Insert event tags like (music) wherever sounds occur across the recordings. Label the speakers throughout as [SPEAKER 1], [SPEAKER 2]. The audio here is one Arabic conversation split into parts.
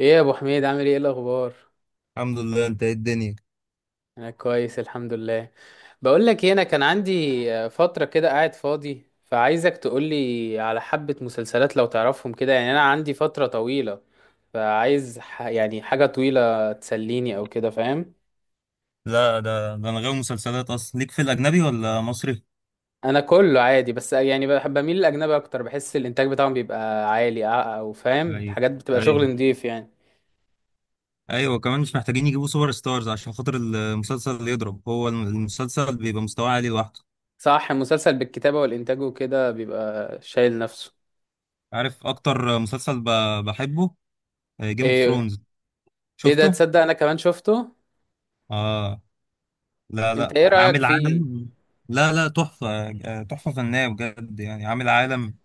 [SPEAKER 1] ايه يا ابو حميد عامل ايه الاخبار؟
[SPEAKER 2] الحمد لله، انت ايه الدنيا؟
[SPEAKER 1] انا كويس الحمد لله. بقول لك إيه، انا كان عندي فتره كده قاعد فاضي فعايزك تقولي على حبه مسلسلات لو تعرفهم كده يعني انا عندي فتره طويله فعايز يعني حاجه طويله تسليني او كده فاهم.
[SPEAKER 2] لا، ده انا غاوي مسلسلات اصلا، ليك في الاجنبي ولا مصري؟
[SPEAKER 1] انا كله عادي بس يعني بحب بميل للاجنبي اكتر، بحس الانتاج بتاعهم بيبقى عالي او فاهم
[SPEAKER 2] ايوه،
[SPEAKER 1] الحاجات بتبقى شغل
[SPEAKER 2] ايوه،
[SPEAKER 1] نضيف يعني.
[SPEAKER 2] ايوه، كمان مش محتاجين يجيبوا سوبر ستارز عشان خاطر المسلسل اللي يضرب، هو المسلسل بيبقى مستواه عالي لوحده.
[SPEAKER 1] صح، المسلسل بالكتابه والانتاج وكده بيبقى شايل نفسه.
[SPEAKER 2] عارف اكتر مسلسل بحبه؟ جيم اوف
[SPEAKER 1] ايه؟
[SPEAKER 2] ثرونز.
[SPEAKER 1] ايه ده،
[SPEAKER 2] شفته؟
[SPEAKER 1] تصدق انا كمان شفته.
[SPEAKER 2] اه، لا
[SPEAKER 1] انت
[SPEAKER 2] لا،
[SPEAKER 1] ايه رأيك
[SPEAKER 2] عامل
[SPEAKER 1] فيه؟
[SPEAKER 2] عالم. لا لا، تحفة. تحفة فنية بجد، يعني عامل عالم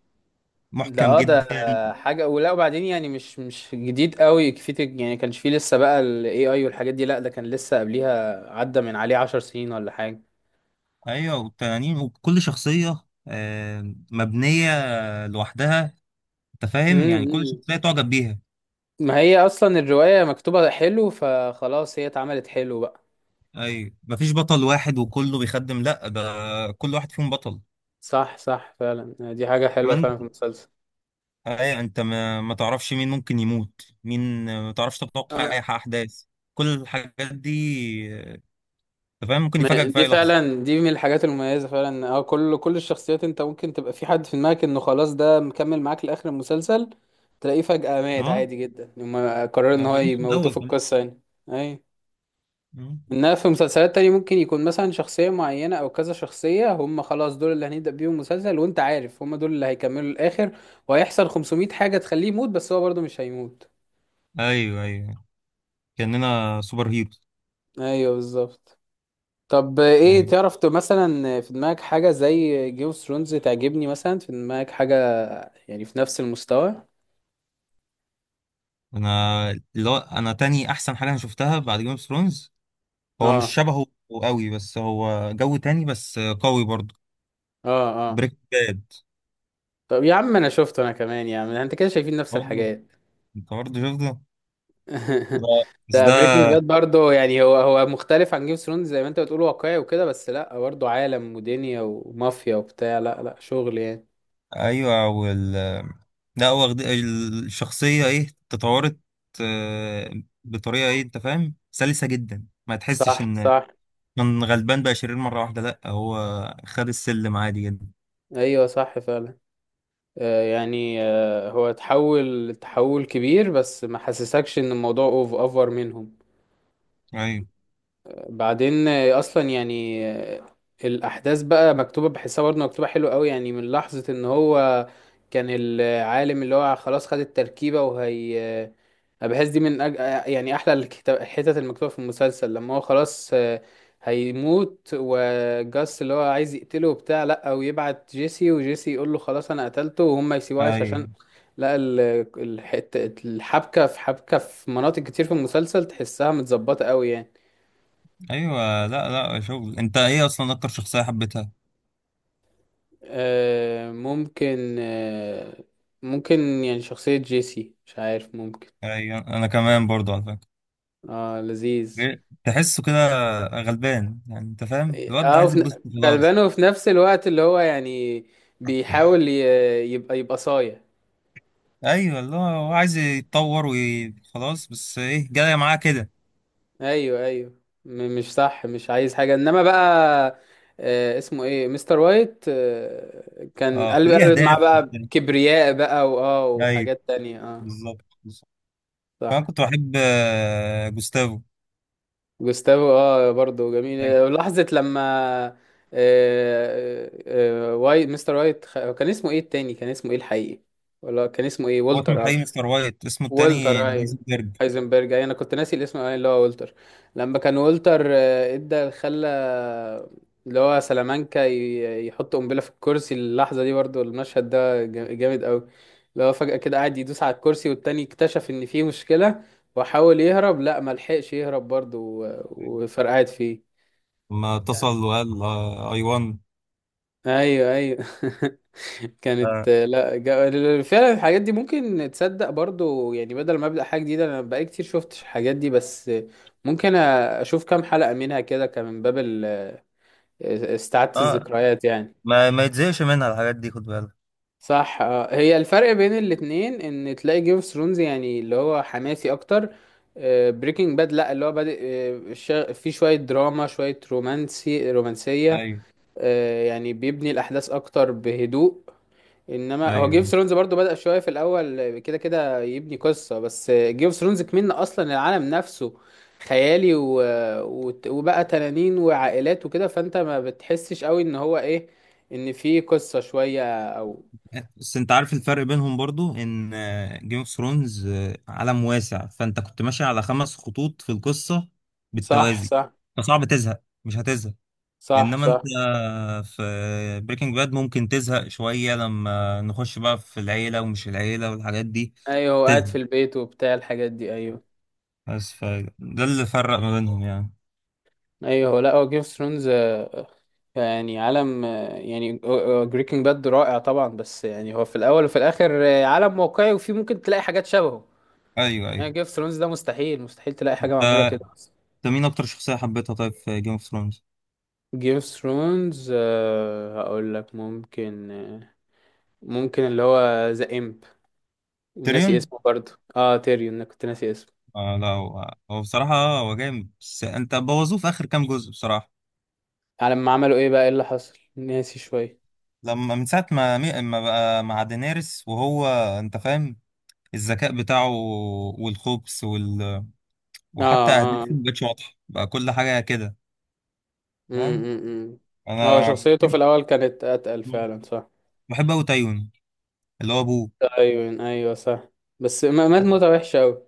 [SPEAKER 1] ده
[SPEAKER 2] محكم
[SPEAKER 1] اه ده
[SPEAKER 2] جدا.
[SPEAKER 1] حاجة ولا وبعدين يعني مش جديد قوي، كفيت يعني كانش فيه لسه بقى ال AI والحاجات دي، لا ده كان لسه قبليها، عدى من عليه 10 سنين ولا حاجة.
[SPEAKER 2] ايوه، والتنانين وكل شخصية مبنية لوحدها. انت فاهم، يعني كل
[SPEAKER 1] امم،
[SPEAKER 2] شخصيه تعجب بيها.
[SPEAKER 1] ما هي اصلا الرواية مكتوبة حلو فخلاص هي اتعملت حلو بقى.
[SPEAKER 2] ايوه، مفيش بطل واحد وكله بيخدم، لا ده كل واحد فيهم بطل.
[SPEAKER 1] صح صح فعلا، دي حاجة حلوة
[SPEAKER 2] كمان،
[SPEAKER 1] فعلا في المسلسل.
[SPEAKER 2] ايوه، انت ما تعرفش مين ممكن يموت مين، ما تعرفش تتوقع اي احداث، كل الحاجات دي، آه، انت فاهم، ممكن يفاجئك في
[SPEAKER 1] دي
[SPEAKER 2] اي لحظه.
[SPEAKER 1] فعلا دي من الحاجات المميزة فعلا، اه كل الشخصيات انت ممكن تبقى في حد في دماغك انه خلاص ده مكمل معاك لآخر المسلسل، تلاقيه فجأة مات
[SPEAKER 2] اه،
[SPEAKER 1] عادي جدا لما قرر ان
[SPEAKER 2] ما
[SPEAKER 1] هو
[SPEAKER 2] فهمتش من
[SPEAKER 1] يموتوه في
[SPEAKER 2] الاول كمان.
[SPEAKER 1] القصة يعني. اي،
[SPEAKER 2] مم.
[SPEAKER 1] انها في مسلسلات تانية ممكن يكون مثلا شخصية معينة او كذا شخصية هم خلاص دول اللي هنبدأ بيهم مسلسل وانت عارف هم دول اللي هيكملوا الآخر، وهيحصل 500 حاجة تخليه يموت بس هو برضه مش هيموت.
[SPEAKER 2] ايوه، ايوه، كاننا سوبر هيروز.
[SPEAKER 1] ايوه بالظبط. طب ايه
[SPEAKER 2] ايوه،
[SPEAKER 1] تعرف مثلا في دماغك حاجة زي جيم اوف ثرونز تعجبني؟ مثلا في دماغك حاجة يعني في نفس المستوى؟
[SPEAKER 2] انا اللي هو انا تاني احسن حاجه انا شفتها بعد جيم اوف ثرونز، هو مش
[SPEAKER 1] اه
[SPEAKER 2] شبهه قوي، بس هو جو تاني، بس قوي برضه.
[SPEAKER 1] اه اه.
[SPEAKER 2] بريك باد.
[SPEAKER 1] طب يا عم انا شفته انا كمان، يا عم انت كده شايفين نفس
[SPEAKER 2] برضه
[SPEAKER 1] الحاجات.
[SPEAKER 2] انت برضه شفته ده.
[SPEAKER 1] (laughs)
[SPEAKER 2] بس
[SPEAKER 1] ده بريكنج
[SPEAKER 2] ده،
[SPEAKER 1] باد برضه، يعني هو مختلف عن جيم اوف ثرونز زي ما انت بتقول واقعي وكده، بس لا برضه عالم ودنيا ومافيا وبتاع، لا لا شغل يعني.
[SPEAKER 2] ايوه، لا هو واخد الشخصيه ايه تطورت آه، بطريقه ايه. انت فاهم، سلسه جدا، ما تحسش
[SPEAKER 1] صح
[SPEAKER 2] ان
[SPEAKER 1] صح.
[SPEAKER 2] من غلبان بقى شرير مره واحده، لا هو خد السلم عادي جدا.
[SPEAKER 1] ايوه صح فعلا. يعني هو تحول كبير بس ما حسسكش ان الموضوع اوف اوفر منهم.
[SPEAKER 2] ايوه،
[SPEAKER 1] بعدين اصلا يعني الاحداث بقى مكتوبه، بحسها برضه مكتوبه حلو قوي يعني، من لحظه ان هو كان العالم اللي هو خلاص خد التركيبه وهي أنا بحس دي من يعني احلى الحتت المكتوبه في المسلسل، لما هو خلاص هيموت، وجاس اللي هو عايز يقتله وبتاع، لا ويبعت جيسي، وجيسي يقول له خلاص انا قتلته وهم يسيبوه عايش
[SPEAKER 2] ايوه،
[SPEAKER 1] عشان لا الحتة الحبكة، في حبكة في مناطق كتير في المسلسل تحسها متظبطة قوي يعني.
[SPEAKER 2] ايوه، لا لا شغل. انت ايه اصلا اكتر شخصيه حبيتها؟
[SPEAKER 1] ممكن ممكن يعني شخصية جيسي، مش عارف ممكن.
[SPEAKER 2] ايوه، انا كمان برضو على فكره.
[SPEAKER 1] اه لذيذ.
[SPEAKER 2] إيه؟ تحسه كده غلبان، يعني انت فاهم الواد ده
[SPEAKER 1] اه
[SPEAKER 2] عايز
[SPEAKER 1] وفي
[SPEAKER 2] يتبسط
[SPEAKER 1] غلبان،
[SPEAKER 2] خلاص.
[SPEAKER 1] وفي نفس الوقت اللي هو يعني بيحاول يبقى صايع.
[SPEAKER 2] ايوه، اللي هو هو عايز يتطور وخلاص، بس ايه جايه معاه كده.
[SPEAKER 1] ايوه ايوه. مش صح، مش عايز حاجه انما بقى، آه اسمه ايه مستر وايت، آه كان
[SPEAKER 2] اه،
[SPEAKER 1] قلب
[SPEAKER 2] ليه
[SPEAKER 1] قلبت معاه
[SPEAKER 2] اهداف
[SPEAKER 1] بقى
[SPEAKER 2] وبتاع.
[SPEAKER 1] كبرياء بقى واه
[SPEAKER 2] ايوه،
[SPEAKER 1] وحاجات تانية اه.
[SPEAKER 2] بالظبط بالظبط. فانا
[SPEAKER 1] صح.
[SPEAKER 2] كنت بحب جوستافو.
[SPEAKER 1] جوستافو اه برضه جميل،
[SPEAKER 2] ايوه.
[SPEAKER 1] لحظه لما آه وايت مستر وايت كان اسمه ايه التاني؟ كان اسمه ايه الحقيقي؟ ولا كان اسمه ايه
[SPEAKER 2] هو اسمه
[SPEAKER 1] والتر اه.
[SPEAKER 2] الحقيقي مستر وايت، اسمه
[SPEAKER 1] والتر
[SPEAKER 2] التاني
[SPEAKER 1] ايوه،
[SPEAKER 2] هايزنبرج.
[SPEAKER 1] هايزنبرج ايوه، انا كنت ناسي الاسم، ايوه اللي هو والتر. لما كان والتر ادى خلى اللي هو سلامانكا يحط قنبله في الكرسي، اللحظه دي برضو المشهد ده جامد قوي، اللي هو فجاه كده قاعد يدوس على الكرسي، والتاني اكتشف ان فيه مشكله وحاول يهرب، لا ما لحقش يهرب برضو، وفرقعت فيه.
[SPEAKER 2] لما اتصل وقال اي وان.
[SPEAKER 1] ايوه ايوه. (laughs)
[SPEAKER 2] اه،
[SPEAKER 1] كانت لا فعلا الحاجات دي ممكن تصدق برضو يعني، بدل ما ابدا حاجه جديده انا بقالي كتير شفتش الحاجات دي، بس ممكن اشوف كام حلقه منها كده، كان من باب استعادة
[SPEAKER 2] آه.
[SPEAKER 1] الذكريات يعني.
[SPEAKER 2] ما يتزهقش منها الحاجات دي، خد بالك.
[SPEAKER 1] صح. آه. هي الفرق بين الاتنين ان تلاقي جيم اوف ثرونز يعني اللي هو حماسي اكتر، بريكنج باد لا اللي هو بادئ في شويه دراما شويه رومانسيه،
[SPEAKER 2] ايوه،
[SPEAKER 1] يعني بيبني الاحداث اكتر بهدوء. انما هو جيم اوف
[SPEAKER 2] ايوه.
[SPEAKER 1] ثرونز برضه بدأ شويه في الاول كده كده يبني قصه، بس جيم اوف ثرونز كمان اصلا العالم نفسه خيالي و... وبقى تنانين وعائلات وكده، فانت ما بتحسش قوي ان هو ايه ان في قصه شويه او،
[SPEAKER 2] بس انت عارف الفرق بينهم برضو، ان جيم اوف ثرونز عالم واسع، فانت كنت ماشي على خمس خطوط في القصة
[SPEAKER 1] صح
[SPEAKER 2] بالتوازي،
[SPEAKER 1] صح.
[SPEAKER 2] فصعب تزهق، مش هتزهق.
[SPEAKER 1] صح
[SPEAKER 2] انما انت
[SPEAKER 1] صح.
[SPEAKER 2] في بريكنج باد ممكن تزهق شوية لما نخش بقى في العيلة، ومش العيلة والحاجات دي،
[SPEAKER 1] ايوه هو قاعد
[SPEAKER 2] تزهق.
[SPEAKER 1] في البيت وبتاع الحاجات دي ايوه.
[SPEAKER 2] بس فده اللي فرق ما بينهم يعني.
[SPEAKER 1] ايوه هو لا هو جيم اوف ثرونز يعني عالم، يعني بريكنج باد رائع طبعا بس يعني هو في الاول وفي الاخر عالم واقعي وفي ممكن تلاقي حاجات شبهه،
[SPEAKER 2] ايوه،
[SPEAKER 1] انها
[SPEAKER 2] ايوه.
[SPEAKER 1] جيم اوف ثرونز ده مستحيل مستحيل تلاقي حاجه
[SPEAKER 2] انت
[SPEAKER 1] معموله كده اصلا.
[SPEAKER 2] انت مين اكتر شخصية حبيتها طيب في جيم اوف ثرونز؟
[SPEAKER 1] جيم اوف ثرونز هقول لك ممكن ممكن اللي هو ذا امب، ناسي
[SPEAKER 2] تيريون.
[SPEAKER 1] اسمه برضه. اه تيريون، انا كنت ناسي اسمه.
[SPEAKER 2] آه، لا هو بصراحة هو جامد، بس انت بوظوه في اخر كام جزء بصراحة.
[SPEAKER 1] على ما عملوا ايه بقى، ايه اللي حصل ناسي شويه.
[SPEAKER 2] لما من ساعة ما بقى مع دينيرس، وهو انت فاهم، الذكاء بتاعه والخبث
[SPEAKER 1] اه
[SPEAKER 2] وحتى
[SPEAKER 1] اه.
[SPEAKER 2] اهدافه مبقتش واضحة بقى، كل حاجة كده. فاهم،
[SPEAKER 1] امم. هو
[SPEAKER 2] انا
[SPEAKER 1] شخصيته في
[SPEAKER 2] كنت
[SPEAKER 1] الاول كانت اتقل
[SPEAKER 2] بحب
[SPEAKER 1] فعلا صح.
[SPEAKER 2] بحب اوي تايون اللي هو ابوه.
[SPEAKER 1] ايوه ايوه صح، بس مات
[SPEAKER 2] لا.
[SPEAKER 1] موتة وحشة أوي.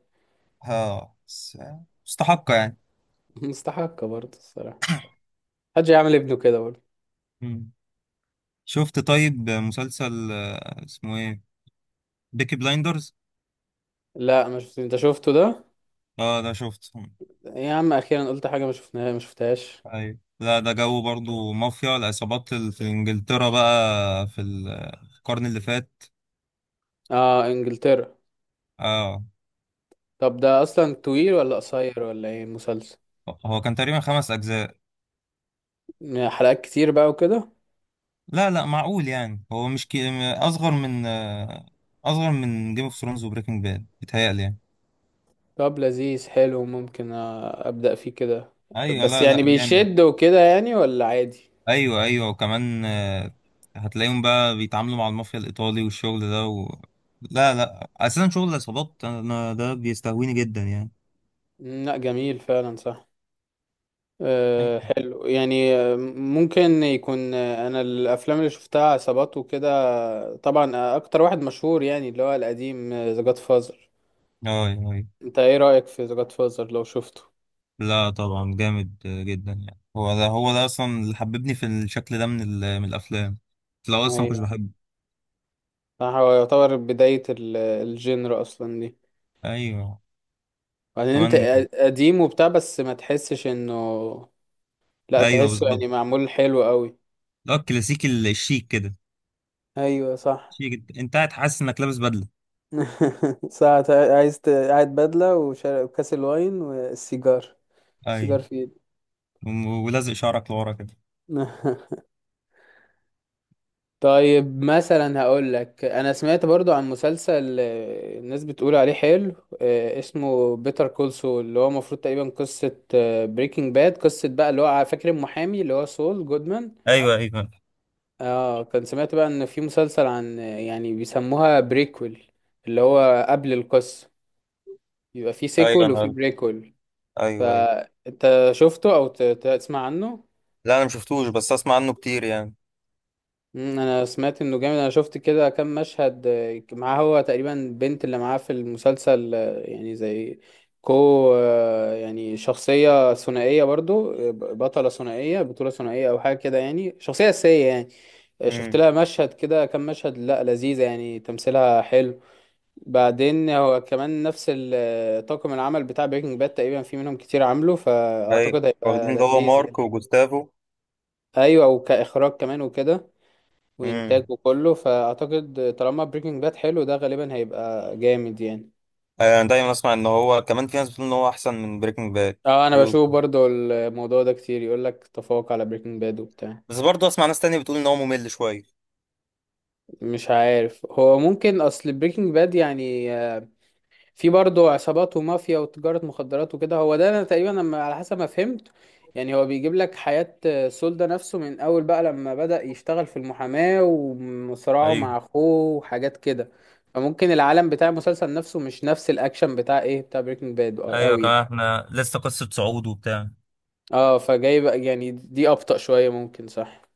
[SPEAKER 2] ها، مستحقة يعني.
[SPEAKER 1] (laughs) مستحقة برضه الصراحة، محدش يعمل ابنه كده برضه.
[SPEAKER 2] مم. شفت؟ طيب مسلسل اسمه ايه، بيكي بلايندرز.
[SPEAKER 1] لا ما شفت، انت شفته ده؟
[SPEAKER 2] اه ده شفت.
[SPEAKER 1] يا عم اخيرا قلت حاجة ما شفناها، ما شفتهاش.
[SPEAKER 2] ايوه، لا ده جو برضو مافيا العصابات في انجلترا، بقى في في القرن اللي فات.
[SPEAKER 1] اه انجلترا.
[SPEAKER 2] اه،
[SPEAKER 1] طب ده اصلا طويل ولا قصير ولا ايه مسلسل؟
[SPEAKER 2] هو كان تقريبا خمس أجزاء.
[SPEAKER 1] يعني حلقات كتير بقى وكده؟
[SPEAKER 2] لا لا، معقول يعني، هو مش أصغر من جيم اوف ثرونز وبريكنج باد، بيتهيألي يعني.
[SPEAKER 1] طب لذيذ حلو ممكن ابدأ فيه كده،
[SPEAKER 2] أيوه،
[SPEAKER 1] بس
[SPEAKER 2] لا
[SPEAKER 1] يعني
[SPEAKER 2] لا جامد.
[SPEAKER 1] بيشد وكده يعني ولا عادي؟
[SPEAKER 2] أيوه، أيوه، وكمان هتلاقيهم بقى بيتعاملوا مع المافيا الإيطالي، والشغل ده لا لا، أساسا شغل العصابات، أنا ده بيستهويني جدا يعني.
[SPEAKER 1] مم، لا جميل فعلا صح. أه حلو يعني، ممكن يكون انا الافلام اللي شفتها عصابات وكده طبعا اكتر واحد مشهور يعني اللي هو القديم ذا جاد فازر.
[SPEAKER 2] أيوه، أيوه.
[SPEAKER 1] انت ايه رأيك في ذا جاد فازر لو شفته؟
[SPEAKER 2] لا طبعا جامد جدا يعني. هو ده هو ده أصلا اللي حببني في الشكل ده من الأفلام، لو أصلا ما كنتش
[SPEAKER 1] ايوه
[SPEAKER 2] بحبه.
[SPEAKER 1] صح، هو يعتبر بداية الجينر اصلا دي.
[SPEAKER 2] أيوه،
[SPEAKER 1] بعدين انت
[SPEAKER 2] كمان.
[SPEAKER 1] قديم وبتاع بس ما تحسش انه، لا
[SPEAKER 2] أيوه،
[SPEAKER 1] تحسه
[SPEAKER 2] بالظبط.
[SPEAKER 1] يعني معمول حلو قوي.
[SPEAKER 2] اه الكلاسيكي الشيك كده.
[SPEAKER 1] ايوه صح.
[SPEAKER 2] شيك، انت قاعد حاسس انك لابس بدله.
[SPEAKER 1] (laughs) ساعة عايز قاعد بدلة وشارب كاس الواين والسيجار،
[SPEAKER 2] اي.
[SPEAKER 1] السيجار في ايدي.
[SPEAKER 2] ولازق شعرك لورا كده.
[SPEAKER 1] (laughs) طيب مثلا هقول لك انا سمعت برضو عن مسلسل الناس بتقول عليه حلو، اسمه بيتر كول سول، اللي هو المفروض تقريبا قصة بريكنج باد، قصة بقى اللي هو فاكر المحامي اللي هو سول جودمان.
[SPEAKER 2] ايوه، ايوه،
[SPEAKER 1] اه كان سمعت بقى ان في مسلسل عن يعني بيسموها بريكول، اللي هو قبل القصة، يبقى في
[SPEAKER 2] ايوه،
[SPEAKER 1] سيكول وفي
[SPEAKER 2] انا،
[SPEAKER 1] بريكول،
[SPEAKER 2] ايوه، ايوه.
[SPEAKER 1] فانت شفته او تسمع عنه؟
[SPEAKER 2] لا، انا مشفتوش، بس اسمع عنه كتير يعني.
[SPEAKER 1] مم، انا سمعت انه جامد، انا شفت كده كام مشهد معاه، هو تقريبا البنت اللي معاه في المسلسل يعني زي كو، يعني شخصية ثنائية برضو بطلة ثنائية بطولة ثنائية او حاجة كده يعني شخصية أساسية يعني. شفت
[SPEAKER 2] امم.
[SPEAKER 1] لها مشهد كده كام مشهد، لا لذيذة يعني تمثيلها حلو. بعدين هو كمان نفس طاقم العمل بتاع بريكنج باد تقريبا في منهم كتير عامله،
[SPEAKER 2] ايوه،
[SPEAKER 1] فاعتقد
[SPEAKER 2] واخدين
[SPEAKER 1] هيبقى
[SPEAKER 2] اللي هو
[SPEAKER 1] لذيذ يعني.
[SPEAKER 2] مارك وجوستافو.
[SPEAKER 1] ايوه وكاخراج كمان وكده، وانتاج
[SPEAKER 2] امم.
[SPEAKER 1] وكله، فاعتقد طالما بريكنج باد حلو ده غالبا هيبقى جامد يعني.
[SPEAKER 2] انا دايما اسمع ان هو كمان في ناس بتقول ان هو احسن من بريكنج باد،
[SPEAKER 1] اه انا بشوف برضو الموضوع ده كتير، يقول لك تفوق على بريكنج باد وبتاع.
[SPEAKER 2] بس برضه اسمع ناس تانية بتقول ان هو ممل شويه.
[SPEAKER 1] مش عارف، هو ممكن اصل بريكنج باد يعني في برضه عصابات ومافيا وتجارة مخدرات وكده، هو ده انا تقريبا لما على حسب ما فهمت، يعني هو بيجيب لك حياة سول ده نفسه من اول بقى لما بدأ يشتغل في المحاماة وصراعه
[SPEAKER 2] ايوه،
[SPEAKER 1] مع اخوه وحاجات كده، فممكن العالم بتاع المسلسل نفسه مش نفس الاكشن بتاع ايه بتاع بريكنج باد
[SPEAKER 2] ايوه،
[SPEAKER 1] قوي.
[SPEAKER 2] كمان احنا لسه قصه صعود وبتاع
[SPEAKER 1] اه فجايب يعني دي ابطأ شوية ممكن صح.